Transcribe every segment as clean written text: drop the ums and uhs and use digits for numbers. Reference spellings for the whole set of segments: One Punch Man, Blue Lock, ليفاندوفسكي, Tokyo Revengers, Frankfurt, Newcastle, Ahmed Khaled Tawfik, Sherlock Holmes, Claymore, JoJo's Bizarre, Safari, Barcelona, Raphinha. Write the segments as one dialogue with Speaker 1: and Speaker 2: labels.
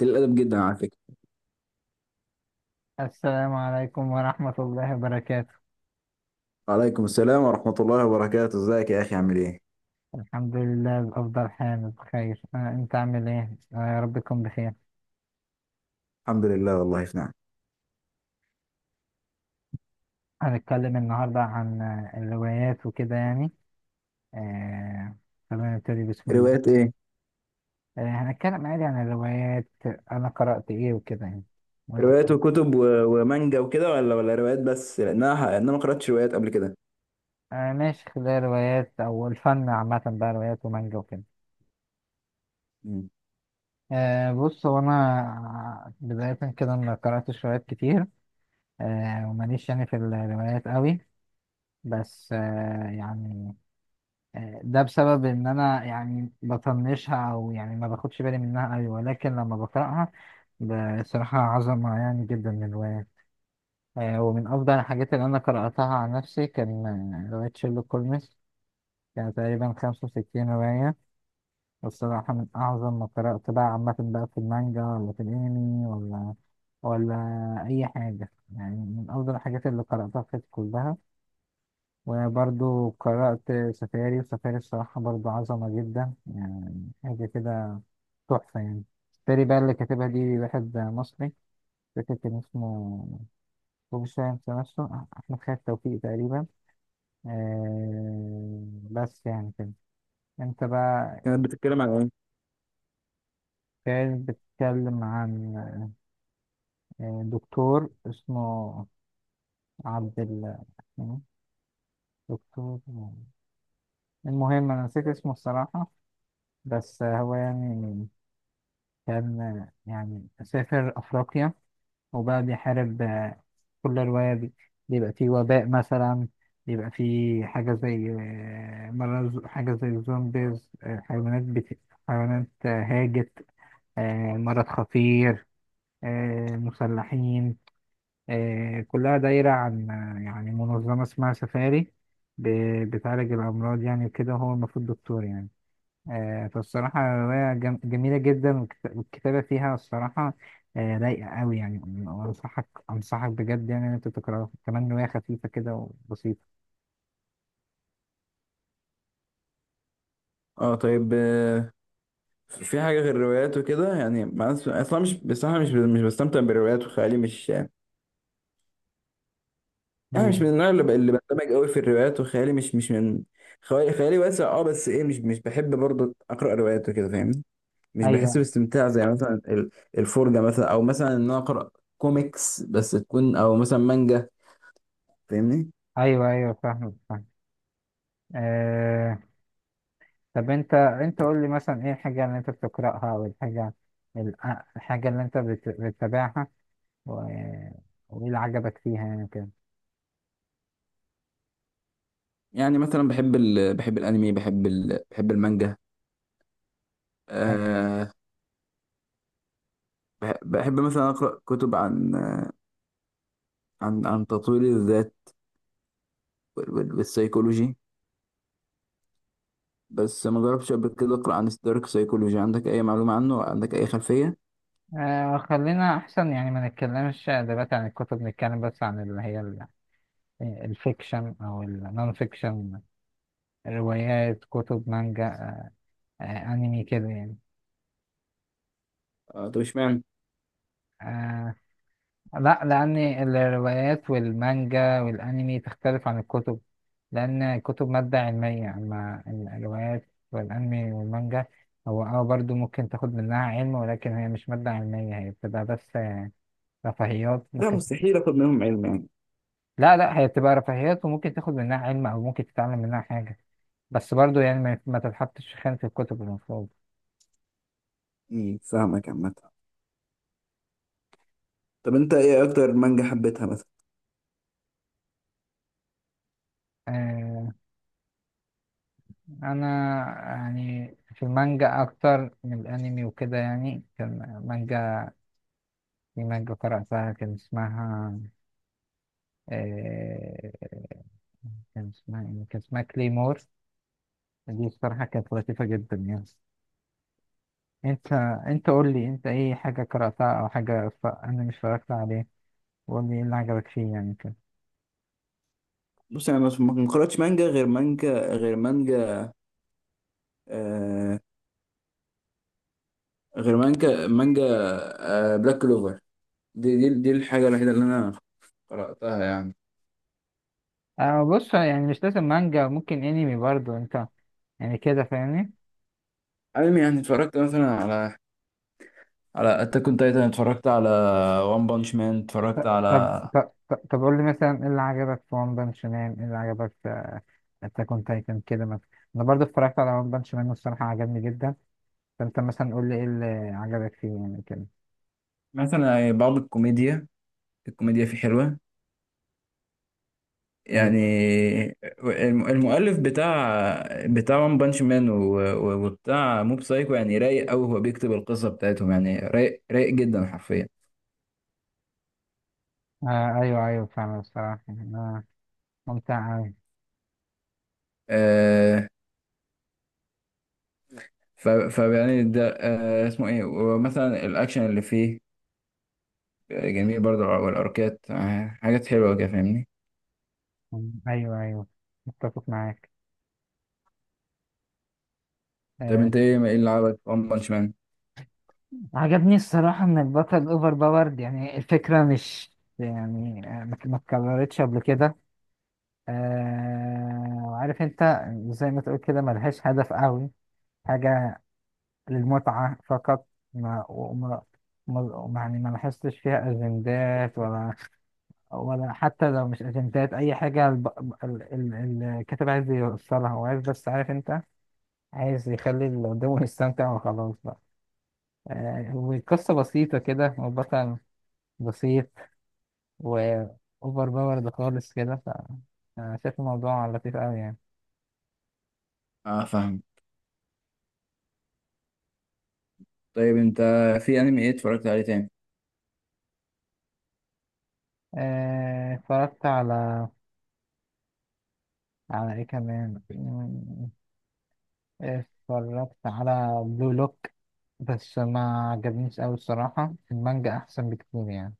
Speaker 1: قليل الادب جدا على فكره.
Speaker 2: السلام عليكم ورحمة الله وبركاته.
Speaker 1: وعليكم السلام ورحمه الله وبركاته، ازيك يا اخي؟ عامل ايه؟
Speaker 2: الحمد لله بأفضل حال بخير. أنت عامل إيه؟ يا رب تكون بخير.
Speaker 1: الحمد لله، والله في نعم.
Speaker 2: هنتكلم النهاردة عن الروايات وكده يعني. آه، خلينا نبتدي بسم الله.
Speaker 1: روايات ايه؟
Speaker 2: هنتكلم عادي عن الروايات، أنا قرأت إيه وكده يعني، وأنت
Speaker 1: روايات
Speaker 2: قرأت؟
Speaker 1: وكتب و- ومانجا وكده، ولا روايات بس؟ لانها، لأن انا ما قراتش روايات قبل كده.
Speaker 2: ماشي، خلال روايات أو الفن عامة بقى، روايات ومانجا وكده.
Speaker 1: مم.
Speaker 2: بص، هو أنا بداية كده ما قرأتش روايات كتير. وماليش يعني في الروايات قوي، بس يعني ده بسبب ان انا يعني بطنشها او يعني ما باخدش بالي منها قوي، ولكن لما بقراها بصراحة عظمة يعني جدا من الرواية. ومن افضل الحاجات اللي انا قرأتها عن نفسي كان رواية شيرلوك هولمز، كان تقريبا 65 رواية، والصراحة من اعظم ما قرأت بقى عامة بقى في المانجا ولا في الانمي ولا ولا اي حاجة، يعني من افضل الحاجات اللي قرأتها في حياتي كلها. وبرضو قرأت سفاري، وسفاري الصراحة برضو عظمة جدا، يعني حاجة كده تحفة يعني. سفاري بقى اللي كاتبها دي واحد مصري، فاكر كان اسمه، هو مش فاهم نفسه، أحمد خالد توفيق تقريبا. آه، بس يعني كده. أنت بقى.
Speaker 1: كانت بتتكلم عن ايه؟
Speaker 2: كان بتتكلم عن دكتور اسمه عبد ال دكتور، المهم أنا نسيت اسمه الصراحة، بس هو يعني كان يعني سافر أفريقيا وبقى بيحارب كل رواية بيبقى فيه وباء مثلا، بيبقى فيه حاجة زي مرض، حاجة زي الزومبيز، حيوانات هاجت، مرض خطير، مسلحين. كلها دايرة عن يعني منظمة اسمها سفاري، بتعالج الأمراض يعني وكده، هو المفروض دكتور يعني. فالصراحة رواية جميلة جدا، والكتابة فيها الصراحة رايقة أوي يعني. وأنصحك بجد يعني إن أنت تقراها، كمان رواية خفيفة كده وبسيطة.
Speaker 1: اه، طيب. في حاجه غير الروايات وكده؟ يعني مع اصلا مش، بصراحه مش بستمتع بالروايات، وخيالي مش يعني، مش
Speaker 2: أيوه،
Speaker 1: من النوع اللي اللي بندمج قوي في الروايات، وخيالي مش من، خيالي واسع اه، بس ايه، مش بحب برضه اقرا روايات وكده، فاهمني؟ مش بحس
Speaker 2: أيوه،
Speaker 1: باستمتاع زي مثلا الفرجة، مثلا او مثلا ان انا اقرا كوميكس بس، تكون او مثلا مانجا. فاهمني؟
Speaker 2: أيوه، أيوه، فاهمك فاهم. أه، طب أنت قول لي مثلا إيه الحاجة اللي أنت بتقرأها أو الحاجة، ال- الحاجة اللي أنت بتتابعها، و- وإيه اللي عجبك فيها يعني كده؟
Speaker 1: يعني مثلا بحب بحب الانمي، بحب بحب المانجا. أه. بحب مثلا اقرا كتب عن، عن تطوير الذات وال- وال- والسيكولوجي. بس ما جربتش قبل كده اقرا عن الدارك سايكولوجي. عندك اي معلومة عنه؟ عندك اي خلفية؟
Speaker 2: خلينا أحسن يعني ما نتكلمش دلوقتي عن الكتب، نتكلم بس عن اللي هي الفيكشن او النون فيكشن، روايات كتب مانجا آه، انمي كده يعني.
Speaker 1: آه، طب اشمعنى؟
Speaker 2: آه، لا، لان الروايات والمانجا والانمي تختلف عن الكتب، لان الكتب مادة علمية، اما الروايات والانمي والمانجا هو اه برضو ممكن تاخد منها علم، ولكن هي مش مادة علمية، هي بتبقى بس رفاهيات
Speaker 1: لا،
Speaker 2: ممكن.
Speaker 1: مستحيل اخد منهم علم يعني.
Speaker 2: لا، لا، هي بتبقى رفاهيات وممكن تاخد منها علم او ممكن تتعلم منها حاجة، بس برضو يعني ما تتحطش في خانة الكتب المفروض.
Speaker 1: مم، فاهمك عامة. طب انت ايه اكتر مانجا حبيتها مثلا؟
Speaker 2: آه، انا يعني في المانجا اكتر من الانمي وكده يعني، كان مانجا، في مانجا قرأتها كان اسمها آه، كان اسمها إيه؟ كان اسمها كليمور. دي الصراحة كانت لطيفة جدا يعني. انت انت قول لي، انت ايه حاجة قرأتها او حاجة انا مش اتفرجت عليه، وقول لي ايه اللي عجبك فيه يعني كده.
Speaker 1: بص، انا ما قرأتش مانجا غير مانجا، غير مانجا، آه، غير مانجا، مانجا، آه، بلاك كلوفر. دي الحاجة الوحيدة اللي انا قرأتها يعني.
Speaker 2: آه، بص يعني مش لازم مانجا، ممكن انمي برضو، انت يعني كده فاهمني.
Speaker 1: انمي يعني اتفرجت مثلا على، على اتاك اون تايتن، اتفرجت على وان بانش مان، اتفرجت
Speaker 2: طب
Speaker 1: على
Speaker 2: طب طب طب قول لي مثلا ايه اللي عجبك في ون بانش مان، ايه اللي عجبك، انت كنت كان كده مثلا. انا برضه اتفرجت على ون بانش مان والصراحه عجبني جدا، فانت مثلا قول لي ايه اللي عجبك فيه يعني كده.
Speaker 1: مثلا بعض الكوميديا. الكوميديا فيه حلوة
Speaker 2: ايوه.
Speaker 1: يعني. المؤلف بتاع وان بانش مان وبتاع موب سايكو يعني رايق قوي، هو بيكتب القصة بتاعتهم يعني رايق، رايق جدا حرفيا.
Speaker 2: آه، ايوه ايوه فعلا، الصراحه آه ممتع اوي.
Speaker 1: آه. ف- فيعني ده آه اسمه ايه، ومثلا الاكشن اللي فيه آه، جميل برضه، والاركات آه حاجات حلوه كده، فاهمني؟
Speaker 2: ايوه ايوه، متفق معاك.
Speaker 1: طب
Speaker 2: آه،
Speaker 1: انت ايه، ايه اللي عجبك في ون بانش مان؟
Speaker 2: عجبني الصراحه ان البطل اوفر باورد، يعني الفكره مش يعني ما اتكررتش قبل كده. آه، وعارف انت، زي ما تقول كده، ملهاش هدف قوي، حاجه للمتعة فقط. ما وما ما يعني ما لاحظتش فيها أجندات، ولا حتى لو مش أجندات أي حاجة، الكاتب عايز يوصلها، هو عايز بس عارف أنت، عايز يخلي اللي قدامه يستمتع وخلاص بقى. آه، والقصة بسيطة كده، والبطل بسيط، وأوفر باورد خالص كده، ف أنا شايف الموضوع لطيف أوي يعني.
Speaker 1: اه، فاهم. طيب انت، في انمي ايه اتفرجت عليه تاني؟
Speaker 2: اتفرجت على، على إيه كمان، اتفرجت على بلو لوك، بس ما عجبنيش أوي الصراحة، المانجا أحسن بكتير يعني.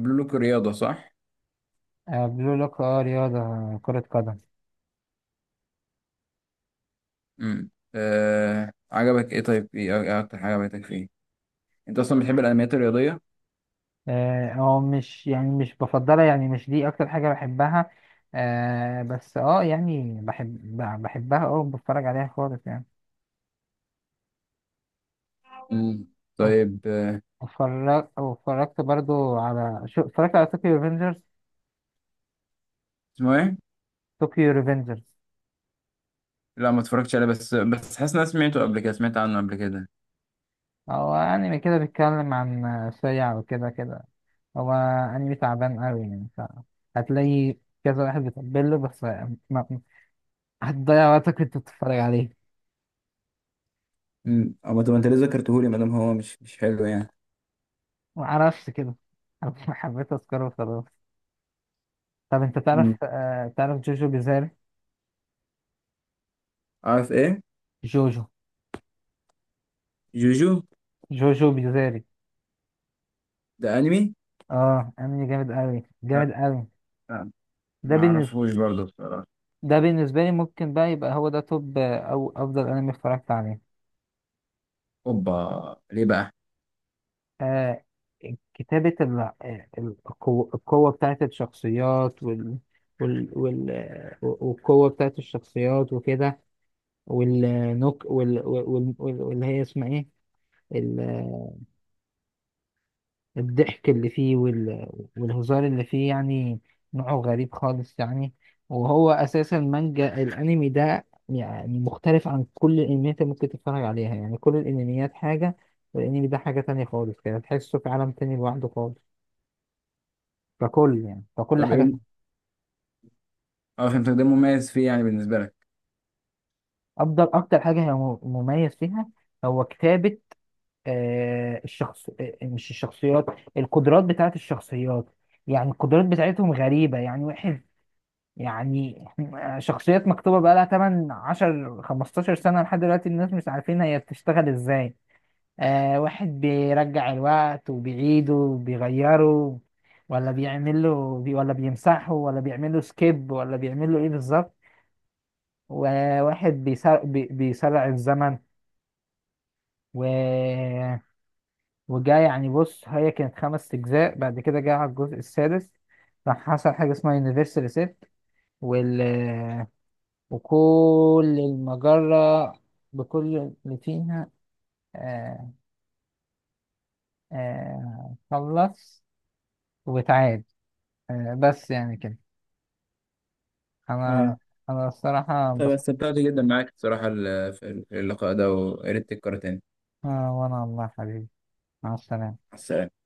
Speaker 1: بلو لوك الرياضه، صح؟
Speaker 2: آه، بلو لوك، اه رياضة، كرة قدم.
Speaker 1: امم. آه عجبك ايه؟ طيب، ايه اكتر حاجه عجبتك فيه؟ انت اصلا بتحب الانميات الرياضيه؟
Speaker 2: اه، هو مش يعني، مش بفضلها يعني، مش دي أكتر حاجة بحبها، بس اه يعني بحبها اه، بتفرج عليها خالص يعني.
Speaker 1: امم. طيب آه،
Speaker 2: اتفرجت برضو على شو، اتفرجت على طوكيو ريفنجرز.
Speaker 1: اسمه ايه؟
Speaker 2: طوكيو ريفنجرز،
Speaker 1: لا، ما اتفرجتش عليه، بس حاسس ان انا سمعته قبل كده، سمعت عنه قبل كده.
Speaker 2: هو أنمي كده بيتكلم عن سريع وكده، كده هو انمي تعبان قوي يعني، ف هتلاقي كذا واحد بيتقبل له، بس ما... هتضيع وقتك وانت بتتفرج عليه.
Speaker 1: امم. أما طب انت ليه ذكرتهولي ما دام هو مش حلو يعني؟
Speaker 2: معرفش كده، أنا حبيت اذكره وخلاص. طب انت تعرف
Speaker 1: مم.
Speaker 2: تعرف جوجو بيزاري؟
Speaker 1: عارف ايه؟
Speaker 2: جوجو
Speaker 1: جوجو.
Speaker 2: جوجو بيزاري،
Speaker 1: ده انمي؟
Speaker 2: اه انمي جامد قوي،
Speaker 1: لا
Speaker 2: جامد قوي.
Speaker 1: لا
Speaker 2: ده
Speaker 1: ما
Speaker 2: بالنسبة
Speaker 1: اعرفوش برضه بصراحه.
Speaker 2: ده بالنسبة لي ممكن بقى يبقى هو ده توب او افضل انمي اتفرجت عليه.
Speaker 1: اوبا ليه بقى؟
Speaker 2: آه، كتابة القوة بتاعت الشخصيات، وال وال وال والقوة بتاعت الشخصيات وكده، واللي هي اسمها ايه، ال- آه، الضحك اللي فيه والهزار اللي فيه يعني، نوعه غريب خالص يعني. وهو أساسا مانجا، الأنمي ده يعني مختلف عن كل الأنميات اللي ممكن تتفرج عليها يعني، كل الأنميات حاجة والأنمي ده حاجة تانية خالص كده، تحسه في عالم تاني لوحده خالص ككل يعني، ككل
Speaker 1: طب ايه
Speaker 2: حاجة فيها.
Speaker 1: اه فهمتك. ده مميز فيه يعني بالنسبه لك؟
Speaker 2: أفضل أكتر حاجة هي مميز فيها، هو كتابة الشخص مش الشخصيات، القدرات بتاعت الشخصيات، يعني القدرات بتاعتهم غريبة يعني واحد يعني، شخصيات مكتوبة بقى لها 8 10 15 سنة لحد دلوقتي الناس مش عارفين هي بتشتغل ازاي. آه، واحد بيرجع الوقت وبيعيده وبيغيره، ولا بيعمل له بي، ولا بيمسحه، ولا بيعمل له سكيب، ولا بيعمل له ايه بالظبط. وواحد بيسرع الزمن و... وجا يعني بص، هي كانت 5 أجزاء بعد كده جه على الجزء السادس، راح حصل حاجة اسمها يونيفرسال ريسيت، وال... وكل المجرة بكل اللي فيها آه، خلص وتعاد. بس يعني كده. أنا
Speaker 1: اه،
Speaker 2: أنا الصراحة
Speaker 1: طب
Speaker 2: انبسطت.
Speaker 1: استمتعت جدا معاك بصراحة في اللقاء ده، ويا ريت تتكرر تاني.
Speaker 2: وأنا والله يا حبيبي، مع السلامة.
Speaker 1: مع السلامة.